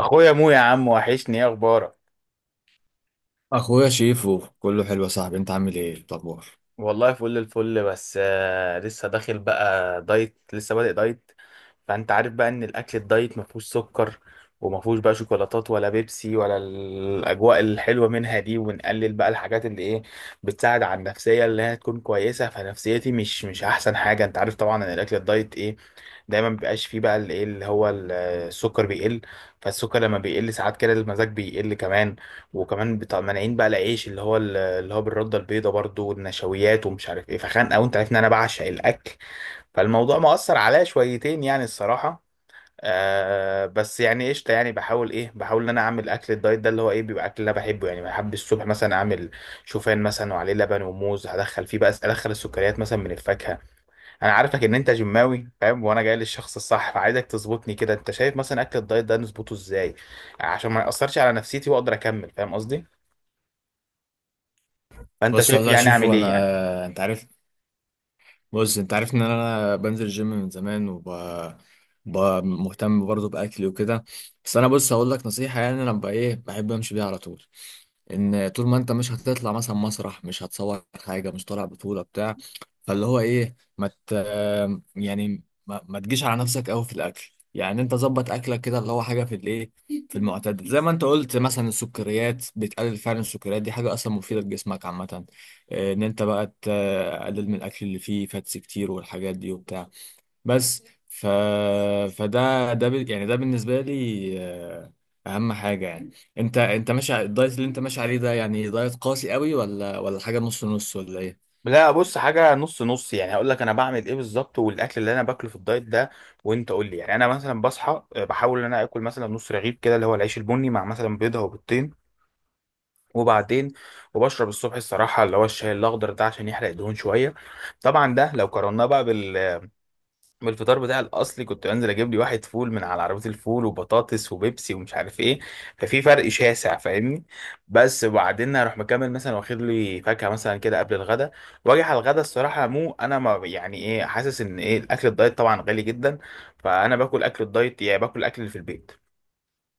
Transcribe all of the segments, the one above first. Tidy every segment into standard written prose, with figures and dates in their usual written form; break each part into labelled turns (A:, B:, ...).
A: اخويا مو يا عم، وحشني، ايه اخبارك؟
B: اخويا شيفو، كله حلو يا صاحبي. انت عامل إيه الاخبار؟
A: والله فل الفل، بس لسه داخل بقى دايت، لسه بادئ دايت. فانت عارف بقى ان الاكل الدايت ما فيهوش سكر، وما فيهوش بقى شوكولاتات ولا بيبسي ولا الاجواء الحلوه منها دي، ونقلل بقى الحاجات اللي ايه بتساعد على النفسيه اللي هي تكون كويسه. فنفسيتي مش احسن حاجه. انت عارف طبعا ان الاكل الدايت ايه، دايما مبيبقاش فيه بقى الايه اللي هو السكر بيقل. فالسكر لما بيقل ساعات كده المزاج بيقل كمان. وكمان مانعين بقى العيش اللي هو بالردة البيضاء برضو والنشويات ومش عارف ايه، فخانقة. وانت عارف ان انا بعشق الاكل، فالموضوع مأثر عليا شويتين يعني الصراحة. بس يعني قشطة، يعني بحاول، بحاول ان انا اعمل اكل الدايت ده، اللي هو ايه، بيبقى اكل اللي انا بحبه. يعني بحب الصبح مثلا اعمل شوفان مثلا، وعليه لبن وموز، هدخل فيه بقى ادخل السكريات مثلا من الفاكهة. انا عارفك ان انت جماوي فاهم، وانا جاي للشخص الصح، فعايزك تظبطني كده. انت شايف مثلا اكل الدايت ده نظبطه ازاي عشان ما يأثرش على نفسيتي واقدر اكمل، فاهم قصدي؟ فانت
B: بص
A: شايف
B: والله يا
A: يعني اعمل
B: شيفو.
A: ايه يعني؟
B: انت عارف. انت عارف ان انا بنزل الجيم من زمان، وب ب- مهتم برضه باكلي وكده. بس انا، بص، هقول لك نصيحه، يعني انا بقى ايه بحب امشي بيها على طول. ان طول ما انت مش هتطلع مثلا مسرح، مش هتصور حاجه، مش طالع بطوله بتاع، فاللي هو ايه ما مت... يعني ما تجيش على نفسك قوي في الاكل. يعني انت ظبط اكلك كده، اللي هو حاجه في الايه، في المعتدل. زي ما انت قلت، مثلا السكريات بتقلل، فعلا السكريات دي حاجه اصلا مفيده لجسمك عامه. ان انت بقى تقلل من الاكل اللي فيه فاتس كتير والحاجات دي وبتاع. بس ف... يعني ده بالنسبه لي، اهم حاجه يعني. انت ماشي على الدايت اللي انت ماشي عليه ده، يعني دايت قاسي قوي ولا حاجه نص نص ولا ايه؟
A: لا بص، حاجة نص نص. يعني هقول لك انا بعمل ايه بالظبط والاكل اللي انا باكله في الدايت ده، وانت قول لي. يعني انا مثلا بصحى، بحاول ان انا اكل مثلا نص رغيف كده اللي هو العيش البني، مع مثلا بيضة وبيضتين. وبعدين وبشرب الصبح الصراحة اللي هو الشاي الاخضر ده عشان يحرق الدهون شوية. طبعا ده لو قارناه بقى بالفطار بتاعي الاصلي، كنت بنزل اجيب لي واحد فول من على عربيه الفول، وبطاطس، وبيبسي، ومش عارف ايه. ففي فرق شاسع، فاهمني. بس وبعدين اروح مكمل مثلا واخد لي فاكهه مثلا كده قبل الغدا. واجي على الغدا الصراحه، مو انا ما يعني ايه، حاسس ان ايه، الاكل الدايت طبعا غالي جدا، فانا باكل اكل الدايت يعني باكل الاكل اللي في البيت،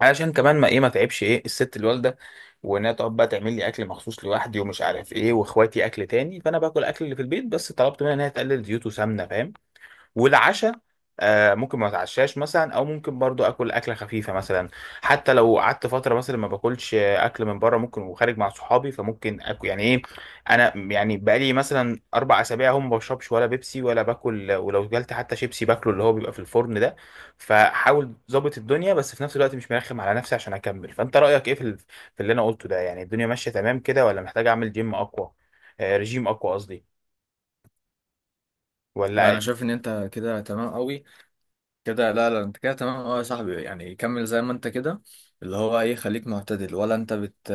A: علشان كمان ما ايه ما تعبش ايه الست الوالده، وانها تقعد بقى تعمل لي اكل مخصوص لوحدي ومش عارف ايه، واخواتي اكل تاني. فانا باكل اكل اللي في البيت، بس طلبت منها ان هي تقلل زيوت وسمنه، فاهم. والعشاء ممكن ما اتعشاش مثلا، او ممكن برضو اكل اكله خفيفه مثلا. حتى لو قعدت فتره مثلا ما باكلش اكل من بره، ممكن وخارج مع صحابي فممكن اكل يعني ايه. انا يعني بقالي مثلا 4 اسابيع هم ما بشربش ولا بيبسي ولا باكل، ولو جالت حتى شيبسي باكله اللي هو بيبقى في الفرن ده. فحاول ظابط الدنيا، بس في نفس الوقت مش مرخم على نفسي عشان اكمل. فانت رايك ايه في في اللي انا قلته ده؟ يعني الدنيا ماشيه تمام كده ولا محتاج اعمل جيم اقوى، آه، رجيم اقوى قصدي،
B: لا،
A: ولا؟
B: انا شايف ان انت كده تمام قوي. كده لا لا، انت كده تمام، اه يا صاحبي، يعني كمل زي ما انت كده. اللي هو ايه خليك معتدل، ولا انت بت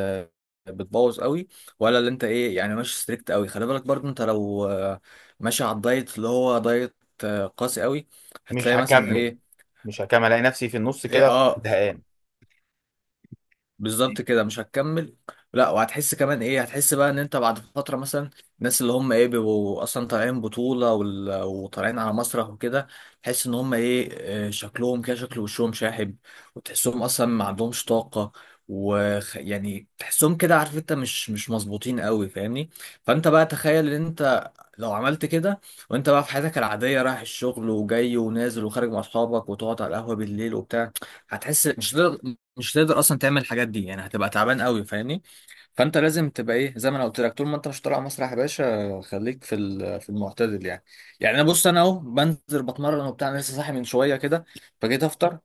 B: بتبوظ قوي، ولا اللي انت ايه يعني ماشي ستريكت قوي. خلي بالك برضو، انت لو ماشي على الدايت اللي هو دايت قاسي قوي،
A: مش
B: هتلاقي مثلا
A: هكمل
B: ايه
A: مش هكمل، الاقي نفسي في النص
B: ايه
A: كده
B: اه،
A: زهقان.
B: بالظبط كده مش هتكمل. لا، وهتحس كمان ايه. هتحس بقى ان انت بعد فتره مثلا، الناس اللي هم ايه بيبقوا اصلا طالعين بطوله وطالعين على مسرح وكده، تحس ان هم ايه، شكلهم كده شكل وشهم شاحب، وتحسهم اصلا ما عندهمش طاقه، ويعني تحسهم كده، عارف انت، مش مظبوطين قوي فاهمني. فانت بقى تخيل ان انت لو عملت كده، وانت بقى في حياتك العاديه رايح الشغل وجاي ونازل وخارج مع اصحابك وتقعد على القهوه بالليل وبتاع، هتحس مش هتقدر. مش هتقدر اصلا تعمل الحاجات دي، يعني هتبقى تعبان قوي فاهمني. فانت لازم تبقى ايه، زي ما انا قلت لك، طول ما انت مش طالع مسرح يا باشا خليك في في المعتدل يعني. يعني انا، بص، انا اهو بنزل بتمرن وبتاع. أنا لسه صاحي من شويه كده فجيت افطر،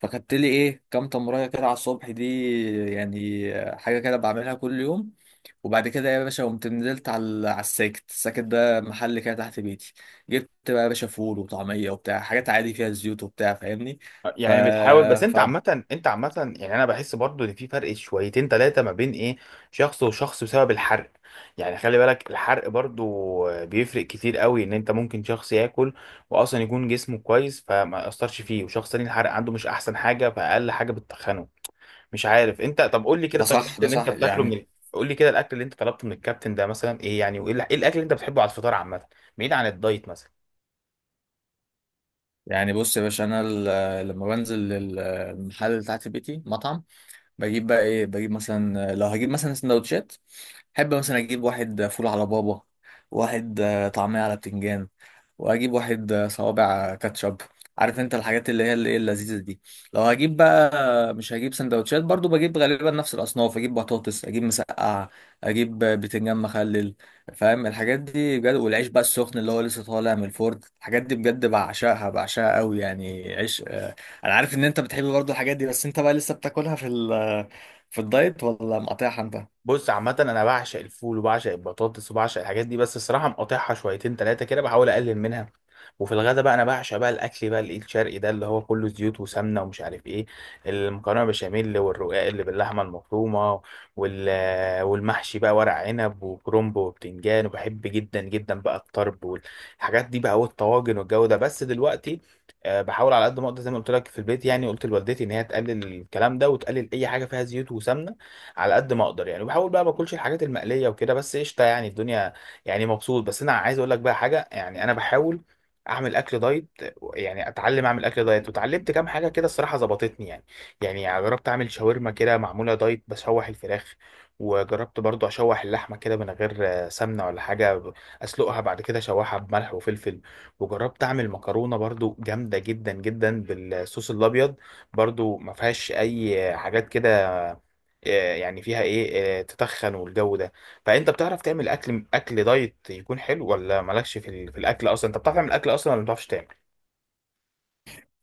B: فخدت لي ايه كام تمريه كده على الصبح دي يعني، حاجه كده بعملها كل يوم. وبعد كده يا باشا قمت نزلت على على الساكت الساكت ده، محل كده تحت بيتي. جبت بقى يا باشا فول وطعميه وبتاع، حاجات عادي فيها زيوت وبتاع فاهمني. ف...
A: يعني بتحاول، بس انت عامة، يعني انا بحس برضو ان في فرق شويتين تلاتة ما بين ايه، شخص وشخص، بسبب الحرق. يعني خلي بالك الحرق برضو بيفرق كتير قوي. ان انت ممكن شخص ياكل واصلا يكون جسمه كويس فما يأثرش فيه، وشخص تاني الحرق عنده مش احسن حاجة، فاقل حاجة بتتخنه. مش عارف انت، طب قول لي كده،
B: ده
A: طب الاكل
B: صح ده
A: اللي انت
B: صح
A: بتاكله من
B: يعني.
A: قول لي كده، الاكل اللي انت طلبته من الكابتن ده مثلا ايه يعني، وايه ايه الاكل اللي انت بتحبه على الفطار عامة، بعيد عن الدايت مثلا؟
B: يعني بص يا باشا، انا لما بنزل المحل اللي تحت بيتي مطعم، بجيب بقى ايه، بجيب مثلا لو هجيب مثلا سندوتشات، احب مثلا اجيب واحد فول على بابا، واحد طعمية على بتنجان، واجيب واحد صوابع كاتشب. عارف انت الحاجات اللي هي اللي إيه اللذيذة دي. لو هجيب بقى مش هجيب سندوتشات، برضو بجيب غالبا نفس الاصناف، اجيب بطاطس، اجيب مسقعة، اجيب بتنجان مخلل. فاهم الحاجات دي بجد. والعيش بقى السخن اللي هو لسه طالع من الفرن، الحاجات دي بجد بعشقها بعشقها قوي يعني، عيش. انا عارف ان انت بتحب برضو الحاجات دي، بس انت بقى لسه بتاكلها في في الدايت ولا مقاطعها انت؟
A: بص، عامة أنا بعشق الفول وبعشق البطاطس وبعشق الحاجات دي، بس الصراحة مقاطعها شويتين تلاتة كده، بحاول أقلل منها. وفي الغدا بقى أنا بعشق بقى الأكل بقى الإيد الشرقي ده اللي هو كله زيوت وسمنة ومش عارف إيه، المكرونة بشاميل، والرقاق اللي باللحمة المفرومة، وال... والمحشي بقى، ورق عنب وكرنب وبتنجان، وبحب جدا جدا بقى الطرب والحاجات دي بقى، والطواجن والجو ده. بس دلوقتي بحاول على قد ما أقدر، زي ما قلت لك، في البيت يعني قلت لوالدتي إن هي تقلل الكلام ده وتقلل أي حاجة فيها زيوت وسمنة، على قد ما اقدر يعني. وبحاول بقى ما اكلش الحاجات المقليه وكده. بس قشطه يعني الدنيا، يعني مبسوط. بس انا عايز اقول لك بقى حاجه، يعني انا بحاول اعمل اكل دايت، يعني اتعلم اعمل اكل دايت، وتعلمت كام حاجه كده الصراحه ظبطتني يعني. يعني جربت اعمل شاورما كده معموله دايت، بشوح الفراخ. وجربت برضو اشوح اللحمه كده من غير سمنه ولا حاجه، اسلقها بعد كده اشوحها بملح وفلفل. وجربت اعمل مكرونه برضو جامده جدا جدا بالصوص الابيض، برضو ما فيهاش اي حاجات كده، يعني فيها ايه، تتخن والجو ده. فانت بتعرف تعمل اكل، دايت يكون حلو، ولا مالكش في الاكل اصلا؟ انت بتعرف تعمل اكل اصلا ولا ما بتعرفش تعمل؟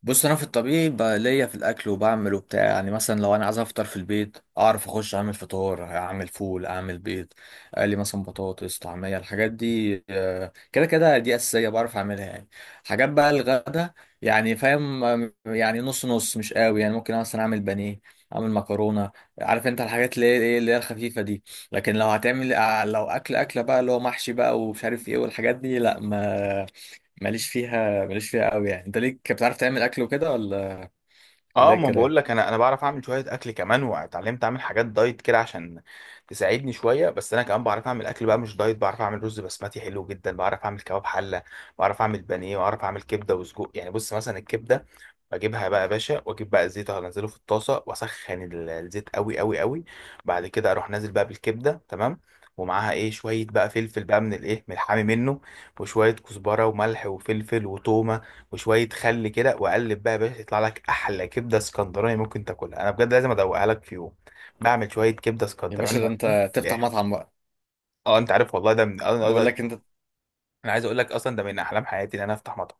B: بص، انا في الطبيعي بقى ليا في الاكل وبعمل وبتاع، يعني مثلا لو انا عايز افطر في البيت اعرف اخش اعمل فطار، اعمل فول، اعمل بيض، اقلي مثلا بطاطس، طعميه. الحاجات دي كده كده، دي اساسيه بعرف اعملها يعني. حاجات بقى الغدا يعني فاهم يعني نص نص مش قوي. يعني ممكن مثلا اعمل بانيه، اعمل مكرونه. عارف انت الحاجات اللي هي ايه اللي هي الخفيفه دي. لكن لو هتعمل لو اكل اكله بقى اللي هو محشي بقى ومش عارف ايه والحاجات دي، لا، ما ماليش فيها، ماليش فيها قوي يعني. انت ليك بتعرف تعمل اكل وكده، ولا
A: اه،
B: ايه
A: ما
B: الكلام؟
A: بقول لك انا بعرف اعمل شويه اكل، كمان واتعلمت اعمل حاجات دايت كده عشان تساعدني شويه. بس انا كمان بعرف اعمل اكل بقى مش دايت، بعرف اعمل رز بسمتي حلو جدا، بعرف اعمل كباب حله، بعرف اعمل بانيه، بعرف اعمل كبده وسجق. يعني بص مثلا الكبده، بجيبها بقى يا باشا، واجيب بقى الزيت انزله في الطاسه واسخن الزيت قوي قوي قوي. بعد كده اروح نازل بقى بالكبده تمام، ومعاها ايه شويه بقى فلفل بقى من الايه، من الحامي منه، وشويه كزبره وملح وفلفل وتومه، وشويه خل كده، وقلب بقى يا باشا، يطلع لك احلى كبده اسكندراني ممكن تاكلها. انا بجد لازم ادوقها لك في يوم، بعمل شويه كبده
B: يا باشا
A: اسكندراني
B: ده
A: يا عم،
B: انت تفتح
A: لاخر.
B: مطعم بقى.
A: اه انت عارف والله، ده من
B: بقول
A: انا،
B: لك انت،
A: أنا عايز اقول لك اصلا ده من احلام حياتي ان انا افتح مطعم.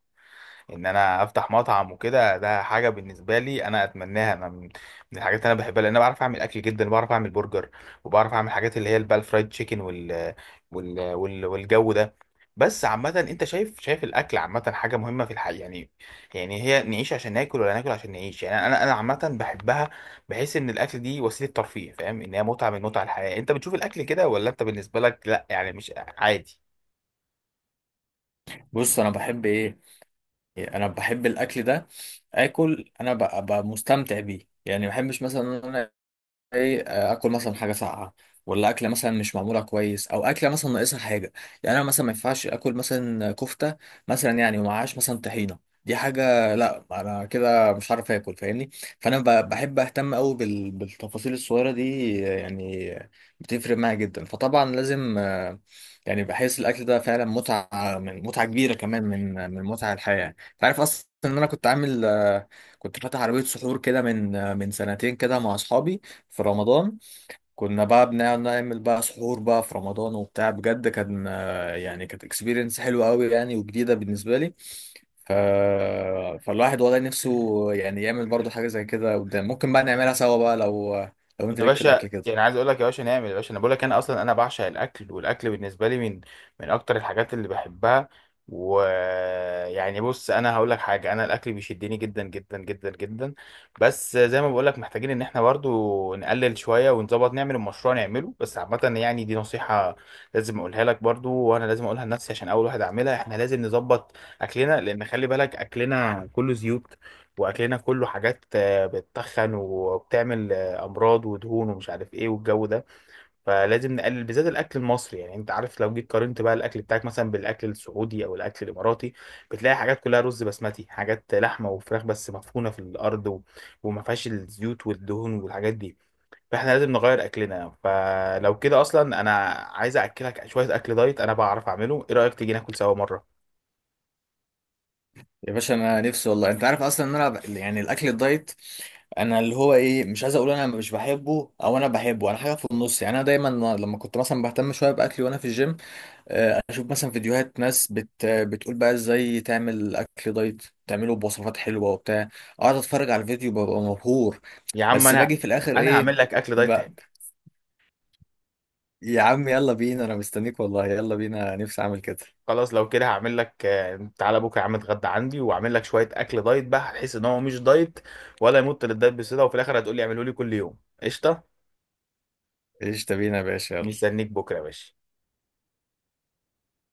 A: وكده، ده حاجه بالنسبه لي انا اتمناها، انا من الحاجات اللي انا بحبها، لان انا بعرف اعمل اكل جدا. بعرف اعمل برجر، وبعرف اعمل حاجات اللي هي البال فرايد تشيكن، والجو ده. بس عامه انت شايف، الاكل عامه حاجه مهمه في الحياه يعني؟ يعني هي نعيش عشان ناكل ولا ناكل عشان نعيش؟ يعني انا عامه بحبها، بحس ان الاكل دي وسيله ترفيه، فاهم، ان هي متعه من متع الحياه. انت بتشوف الاكل كده، ولا انت بالنسبه لك لا، يعني مش عادي؟
B: بص، انا بحب ايه، انا بحب الاكل ده اكل. انا ببقى مستمتع بيه يعني. ما بحبش مثلا ان انا ايه اكل مثلا حاجه ساقعه، ولا اكله مثلا مش معموله كويس، او اكله مثلا ناقصها حاجه. يعني انا مثلا ما ينفعش اكل مثلا كفته مثلا يعني، ومعهاش مثلا طحينه، دي حاجه، لا، انا كده مش عارف اكل فاهمني. فانا بحب اهتم قوي بالتفاصيل الصغيره دي يعني، بتفرق معايا جدا. فطبعا لازم يعني بحس الاكل ده فعلا متعه، من متعه كبيره كمان، من متع الحياه. انت عارف اصلا ان انا كنت عامل آه، كنت فاتح عربيه سحور كده من سنتين كده مع اصحابي في رمضان. كنا بقى بنقعد نعمل بقى سحور بقى في رمضان وبتاع، بجد كان يعني كانت اكسبيرينس حلوه قوي يعني، وجديده بالنسبه لي. ف... فالواحد والله نفسه يعني يعمل برضو حاجه زي كده قدام، ممكن بقى نعملها سوا بقى لو انت
A: يا
B: ليك في
A: باشا
B: الاكل
A: يعني
B: كده.
A: عايز اقول لك، يا باشا نعمل، يا باشا انا بقول لك انا اصلا، انا بعشق الاكل، والاكل بالنسبه لي من اكتر الحاجات اللي بحبها. ويعني بص انا هقول لك حاجه، انا الاكل بيشدني جدا جدا جدا جدا. بس زي ما بقول لك، محتاجين ان احنا برضو نقلل شويه ونظبط، نعمل المشروع نعمله. بس عامه يعني دي نصيحه لازم اقولها لك برضو، وانا لازم اقولها لنفسي عشان اول واحد اعملها. احنا لازم نظبط اكلنا، لان خلي بالك اكلنا كله زيوت، واكلنا كله حاجات بتتخن وبتعمل امراض ودهون ومش عارف ايه والجو ده. فلازم نقلل بالذات الاكل المصري. يعني انت عارف، لو جيت قارنت بقى الاكل بتاعك مثلا بالاكل السعودي او الاكل الاماراتي، بتلاقي حاجات كلها رز بسمتي، حاجات لحمه وفراخ بس مدفونه في الارض وما فيهاش الزيوت والدهون والحاجات دي. فاحنا لازم نغير اكلنا. فلو كده اصلا انا عايز اكلك شويه اكل دايت انا بعرف اعمله، ايه رايك تيجي ناكل سوا مره؟
B: يا باشا انا نفسي والله. انت عارف اصلا ان انا يعني الاكل الدايت، انا اللي هو ايه، مش عايز اقول انا مش بحبه او انا بحبه، انا حاجه في النص يعني. انا دايما لما كنت مثلا بهتم شويه باكلي وانا في الجيم، اشوف مثلا فيديوهات ناس بتقول بقى ازاي تعمل اكل دايت، تعمله بوصفات حلوه وبتاع، اقعد اتفرج على الفيديو ببقى مبهور.
A: يا عم
B: بس باجي في الاخر
A: انا
B: ايه
A: هعمل لك اكل
B: ب...
A: دايت.
B: يا عم يلا بينا، انا مستنيك والله، يلا بينا، نفسي اعمل كده.
A: خلاص لو كده هعمل لك، تعالى بكره يا عم اتغدى عندي، واعمل لك شويه اكل دايت بقى، هتحس ان هو مش دايت، ولا يمط للدايت بصله، وفي الاخر هتقول لي اعمله لي كل يوم. قشطه،
B: ايش بينا يا باشا يلا.
A: مستنيك بكره يا باشا.